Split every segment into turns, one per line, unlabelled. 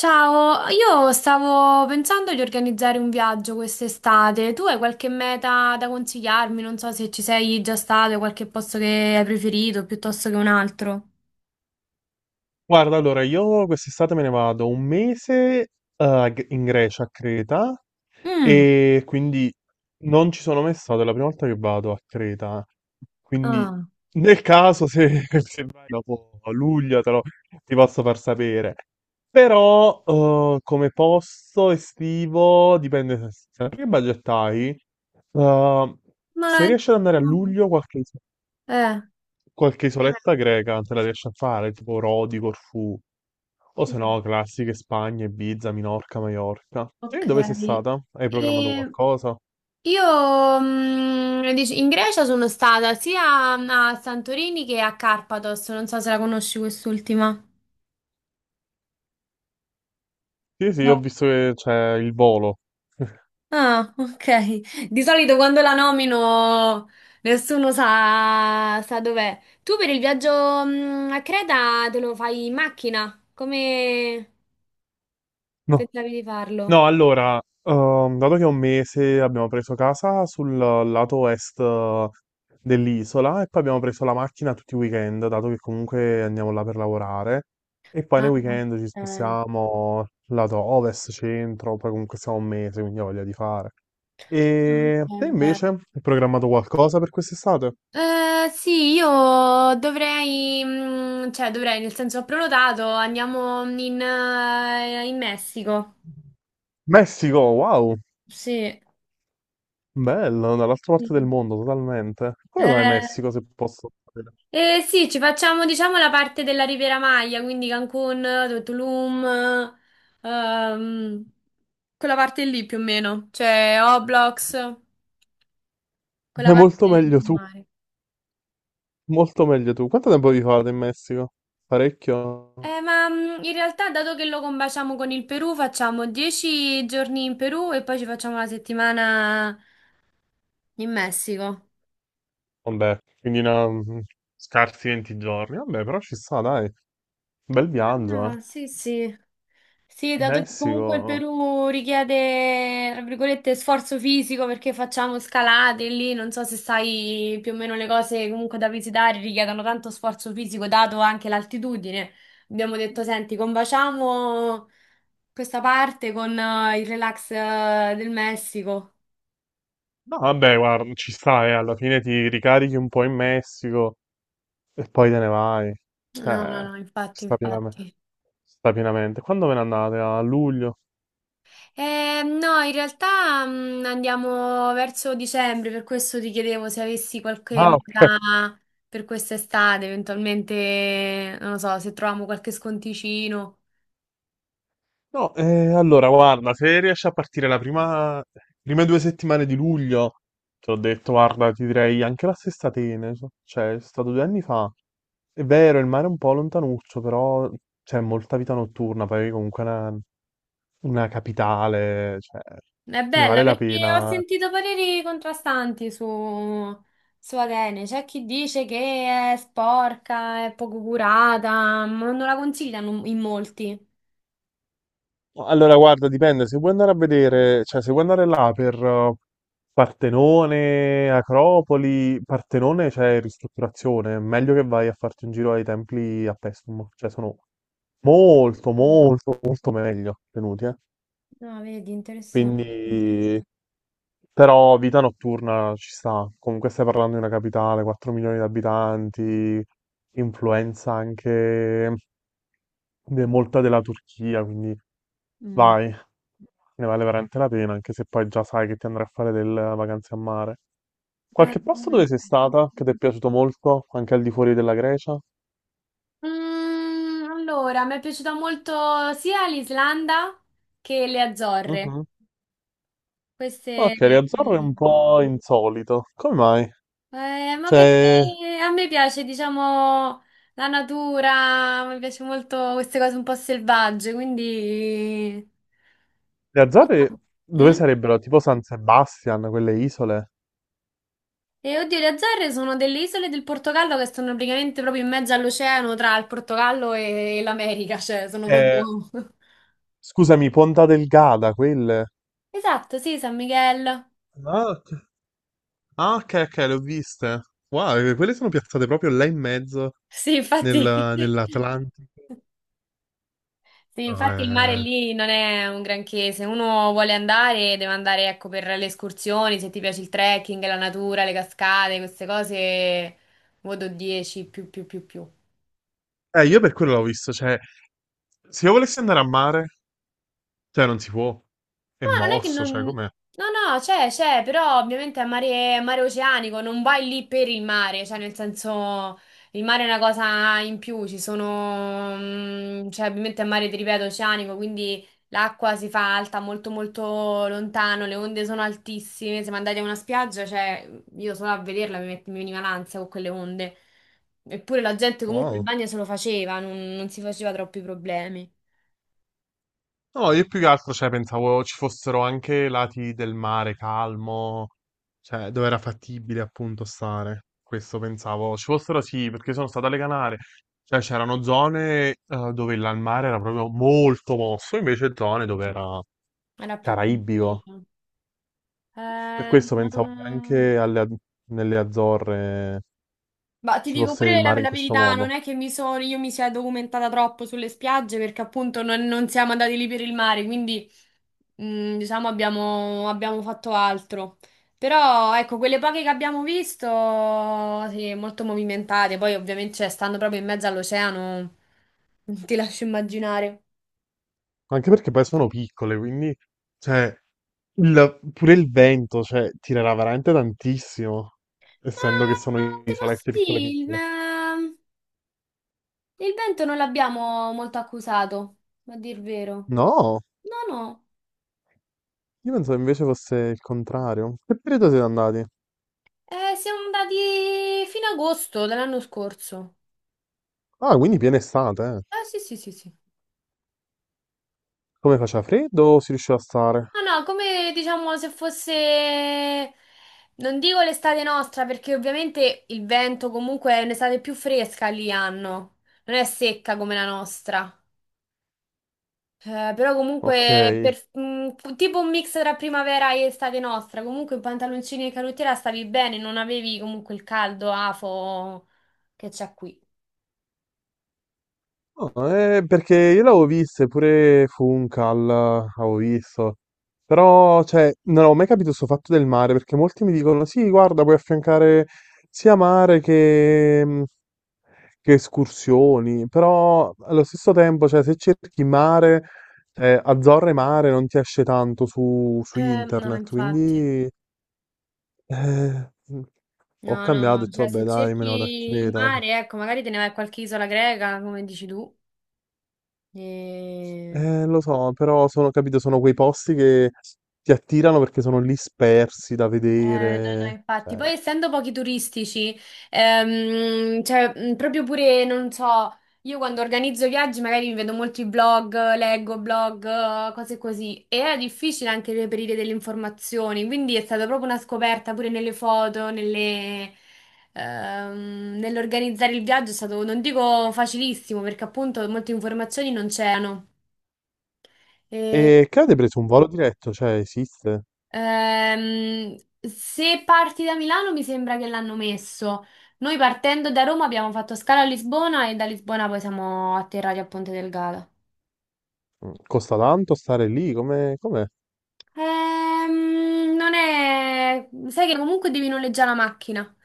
Ciao, io stavo pensando di organizzare un viaggio quest'estate. Tu hai qualche meta da consigliarmi? Non so se ci sei già stato, hai qualche posto che hai preferito piuttosto che un altro.
Guarda, allora, io quest'estate me ne vado un mese, in Grecia, a Creta,
Mm.
e quindi non ci sono mai stato, è la prima volta che vado a Creta. Quindi,
Ah.
nel caso, se, se vai dopo luglio, ti posso far sapere. Però, come posto estivo, dipende che budget hai. Eh, se
Ma...
riesci ad andare a luglio, qualche
Eh.
Qualche isoletta greca te la riesci a fare, tipo Rodi, Corfù, o se
Mm.
no classiche Spagna, Ibiza, Minorca, Maiorca. E
Ok.
dove sei stata? Hai programmato
E
qualcosa?
io in Grecia sono stata sia a Santorini che a Carpathos. Non so se la conosci quest'ultima.
Sì, sì, ho visto che c'è il volo.
Ah, ok. Di solito quando la nomino nessuno sa dov'è. Tu per il viaggio a Creta te lo fai in macchina? Come
No,
pensavi di farlo?
no, allora, dato che è un mese abbiamo preso casa sul lato est dell'isola e poi abbiamo preso la macchina tutti i weekend, dato che comunque andiamo là per lavorare. E poi nei
Ah,
weekend ci
ok.
spostiamo lato ovest, centro, poi comunque siamo un mese, quindi ho voglia di fare.
Ah, ok,
E te invece,
bene.
hai programmato qualcosa per quest'estate?
Sì, io dovrei, cioè dovrei, nel senso ho prenotato, andiamo in Messico.
Messico, wow,
Sì.
bello, dall'altra
Sì.
parte del mondo totalmente. Come mai
Eh,
Messico, se posso sapere?
Eh sì, ci facciamo diciamo la parte della Riviera Maya, quindi Cancun, Tulum, ehm, quella parte lì più o meno, cioè Oblox, quella
È
parte
molto
del
meglio tu.
mare.
Molto meglio tu. Quanto tempo vi fate in Messico? Parecchio?
Ma in realtà dato che lo combaciamo con il Perù, facciamo 10 giorni in Perù e poi ci facciamo la settimana in Messico.
Vabbè, quindi scarsi 20 giorni. Vabbè, però ci sta, dai. Bel viaggio, eh.
Ah, sì, sì. Sì, dato che comunque il
Messico.
Perù richiede, tra virgolette, sforzo fisico perché facciamo scalate lì, non so se sai più o meno le cose comunque da visitare richiedono tanto sforzo fisico, dato anche l'altitudine. Abbiamo detto, senti, combaciamo questa parte con il relax del Messico.
No, vabbè, guarda, ci sta, eh. Alla fine ti ricarichi un po' in Messico e poi te ne vai.
No, no, no,
Ci
infatti,
sta pienamente.
infatti.
Sta pienamente. Quando ve ne andate? A luglio?
No, in realtà andiamo verso dicembre, per questo ti chiedevo se avessi qualche
Ah, ok.
meta per quest'estate, eventualmente, non lo so, se troviamo qualche sconticino.
No, allora guarda, se riesci a partire prime 2 settimane di luglio, ti ho detto, guarda, ti direi anche la stessa Atene, cioè è stato 2 anni fa. È vero, il mare è un po' lontanuccio, però c'è molta vita notturna, poi comunque è una capitale, cioè
È
ne
bella
vale la
perché ho
pena.
sentito pareri contrastanti su Atene. C'è chi dice che è sporca, è poco curata, ma non la consigliano in molti.
No, allora, guarda, dipende. Se vuoi andare a vedere, cioè, se vuoi andare là per Partenone, Acropoli, Partenone c'è ristrutturazione. È meglio che vai a farti un giro ai templi a Pestum. Cioè, sono molto,
Mm.
molto, molto meglio tenuti, eh.
No, vedi, interessante.
Quindi, però vita notturna ci sta. Comunque stai parlando di una capitale, 4 milioni di abitanti, influenza anche molta della Turchia, quindi
Mm.
vai, ne vale veramente la pena, anche se poi già sai che ti andrai a fare delle vacanze a mare.
Eh,
Qualche posto dove sei stata che ti è piaciuto molto, anche al di fuori della Grecia?
allora, mi è piaciuta molto sia l'Islanda che le Azzorre.
Mhm.
Queste...
Ok, Riazzorro è un
mm,
po' insolito. Come mai?
ma perché
Cioè,
a me piace, diciamo, la natura, mi piace molto queste cose un po' selvagge, quindi...
le Azzorre dove
Mm?
sarebbero? Tipo San Sebastian, quelle isole?
E oddio, le Azzorre sono delle isole del Portogallo che stanno praticamente proprio in mezzo all'oceano tra il Portogallo e l'America, cioè sono proprio...
Eh, Scusami, Ponta Delgada, quelle.
Esatto, sì, San Miguel.
Ah, ok. Ah, ok, ok, le ho viste. Wow, quelle sono piazzate proprio là in mezzo,
Sì, infatti...
nell'Atlantico.
Sì,
No,
infatti il mare
eh.
lì non è un granché, se uno vuole andare deve andare ecco, per le escursioni, se ti piace il trekking, la natura, le cascate, queste cose, voto 10 più più più più.
Io per quello l'ho visto, cioè, se io volessi andare a mare, cioè, non si può. È
No, non è che
mosso, cioè,
non...
com'è?
No, no, c'è, però ovviamente è mare, mare oceanico, non vai lì per il mare, cioè nel senso il mare è una cosa in più, cioè ovviamente è mare, ti ripeto, oceanico, quindi l'acqua si fa alta molto molto lontano, le onde sono altissime, siamo andati a una spiaggia, cioè io solo a vederla mi veniva l'ansia con quelle onde, eppure la gente comunque il
Wow.
bagno se lo faceva, non si faceva troppi problemi,
No, io più che altro, cioè, pensavo ci fossero anche lati del mare calmo, cioè, dove era fattibile appunto stare. Questo pensavo. Ci fossero sì, perché sono stato alle Canarie. Cioè, c'erano zone dove il mare era proprio molto mosso, invece zone dove era
era più
caraibico.
tranquillo.
Per
Eh,
questo pensavo che
non-
anche nelle Azzorre
ma ti
ci
dico
fosse
pure
il
la,
mare in
la
questo
verità, non
modo.
è che io mi sia documentata troppo sulle spiagge perché appunto non siamo andati lì per il mare, quindi diciamo abbiamo fatto altro. Però ecco, quelle poche che abbiamo visto, sì, molto movimentate, poi ovviamente cioè, stando proprio in mezzo all'oceano, non ti lascio immaginare.
Anche perché poi sono piccole, quindi, cioè, pure il vento, cioè, tirerà veramente tantissimo, essendo che sono
Ma ti posso
isolette piccole
dire,
piccole.
ma il vento non l'abbiamo molto accusato, a dir vero.
No,
No, no.
io pensavo invece fosse il contrario. Che periodo siete andati?
Siamo andati fino a agosto dell'anno scorso.
Ah, quindi piena estate, eh.
Eh sì, sì, sì, sì.
Come faceva freddo o si riusciva a stare?
No, no, come diciamo se fosse, non dico l'estate nostra, perché ovviamente il vento comunque è un'estate più fresca lì hanno, non è secca come la nostra. Però
Ok.
comunque tipo un mix tra primavera e estate nostra, comunque in pantaloncini e canottiera stavi bene, non avevi comunque il caldo afo che c'è qui.
No, perché io l'avevo viste, pure Funcal, avevo visto. Però, cioè, non avevo mai capito questo fatto del mare, perché molti mi dicono, sì, guarda, puoi affiancare sia mare che, escursioni, però allo stesso tempo, cioè, se cerchi mare, Azzorre mare non ti esce tanto su
No,
internet,
infatti.
quindi eh, ho
No, no,
cambiato e
no,
detto,
cioè se
vabbè, dai, me
cerchi
ne vado a
il
Creta.
mare, ecco, magari te ne vai a qualche isola greca, come dici tu. E...
Lo so, però sono, capito, sono quei posti che ti attirano perché sono lì spersi da
No, no,
vedere,
infatti,
cioè.
poi essendo pochi turistici, cioè, proprio pure, non so, io quando organizzo viaggi magari mi vedo molti blog, leggo blog, cose così, e era difficile anche reperire delle informazioni, quindi è stata proprio una scoperta pure nelle foto, nelle, nell'organizzare il viaggio è stato, non dico facilissimo, perché appunto molte informazioni non c'erano. E...
E che avete preso un volo diretto? Cioè, esiste?
Ehm, se parti da Milano mi sembra che l'hanno messo. Noi partendo da Roma abbiamo fatto scala a Lisbona e da Lisbona poi siamo atterrati a Ponte del Gala.
Costa tanto stare lì? Come, com'è?
Non è... Sai che comunque devi noleggiare la macchina,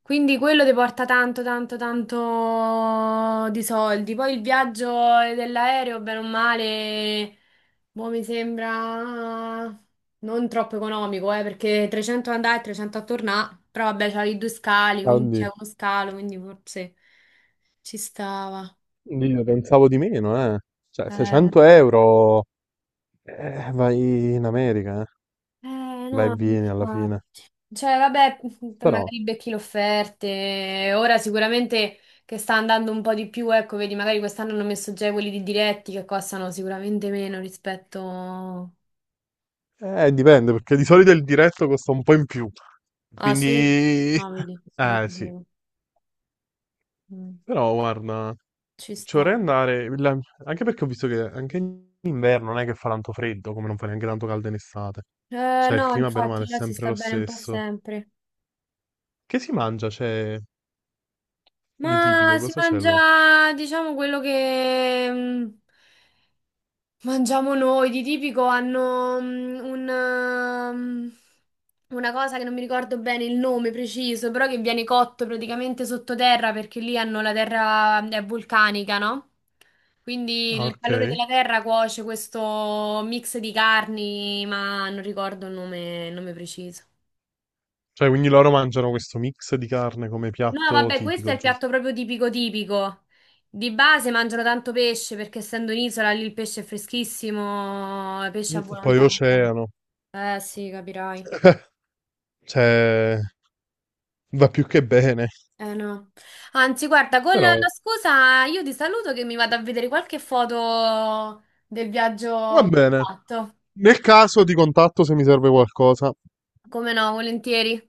quindi quello ti porta tanto, tanto, tanto di soldi. Poi il viaggio dell'aereo, bene o male, boh, mi sembra non troppo economico, perché 300 andare e 300 a tornare, però vabbè, c'hai due scali,
Ah,
quindi c'è
oddio.
uno scalo, quindi forse ci stava.
Io pensavo di meno, eh. Cioè,
Eh.
600 euro, vai in America, eh. Vai e
No,
vieni alla fine.
infatti. Cioè, vabbè,
Però,
magari becchi le offerte. Ora sicuramente che sta andando un po' di più, ecco, vedi, magari quest'anno hanno messo già quelli di diretti che costano sicuramente meno rispetto...
dipende, perché di solito il diretto costa un po' in più.
Ah, sì?
Quindi,
Ah, vedi, non
sì.
sapevo. Mm.
Però, guarda,
Ci
ci vorrei
sto.
andare, anche perché ho visto che anche in inverno non è che fa tanto freddo, come non fa neanche tanto caldo in estate. Cioè, il
No,
clima, bene o male,
infatti,
è
là si
sempre
sta
lo
bene un po'
stesso.
sempre.
Che si mangia, c'è di
Ma
tipico?
si
Cosa c'è là?
mangia, diciamo, quello che... Mangiamo noi, di tipico hanno una cosa che non mi ricordo bene il nome preciso, però che viene cotto praticamente sottoterra perché lì hanno la terra è vulcanica, no? Quindi
Ah,
il
ok.
calore della terra cuoce questo mix di carni, ma non ricordo il nome preciso.
Cioè, quindi loro mangiano questo mix di carne come
No,
piatto
vabbè, questo è
tipico,
il
giusto?
piatto proprio tipico tipico. Di base mangiano tanto pesce perché essendo un'isola lì il pesce è freschissimo, pesce a
Poi
volontà.
oceano.
Eh sì, capirai.
Cioè, va più che bene.
Eh no. Anzi, guarda, con la
Però
scusa io ti saluto che mi vado a vedere qualche foto del viaggio
va
che ho
bene.
fatto.
Nel caso di contatto, se mi serve qualcosa.
Come no, volentieri.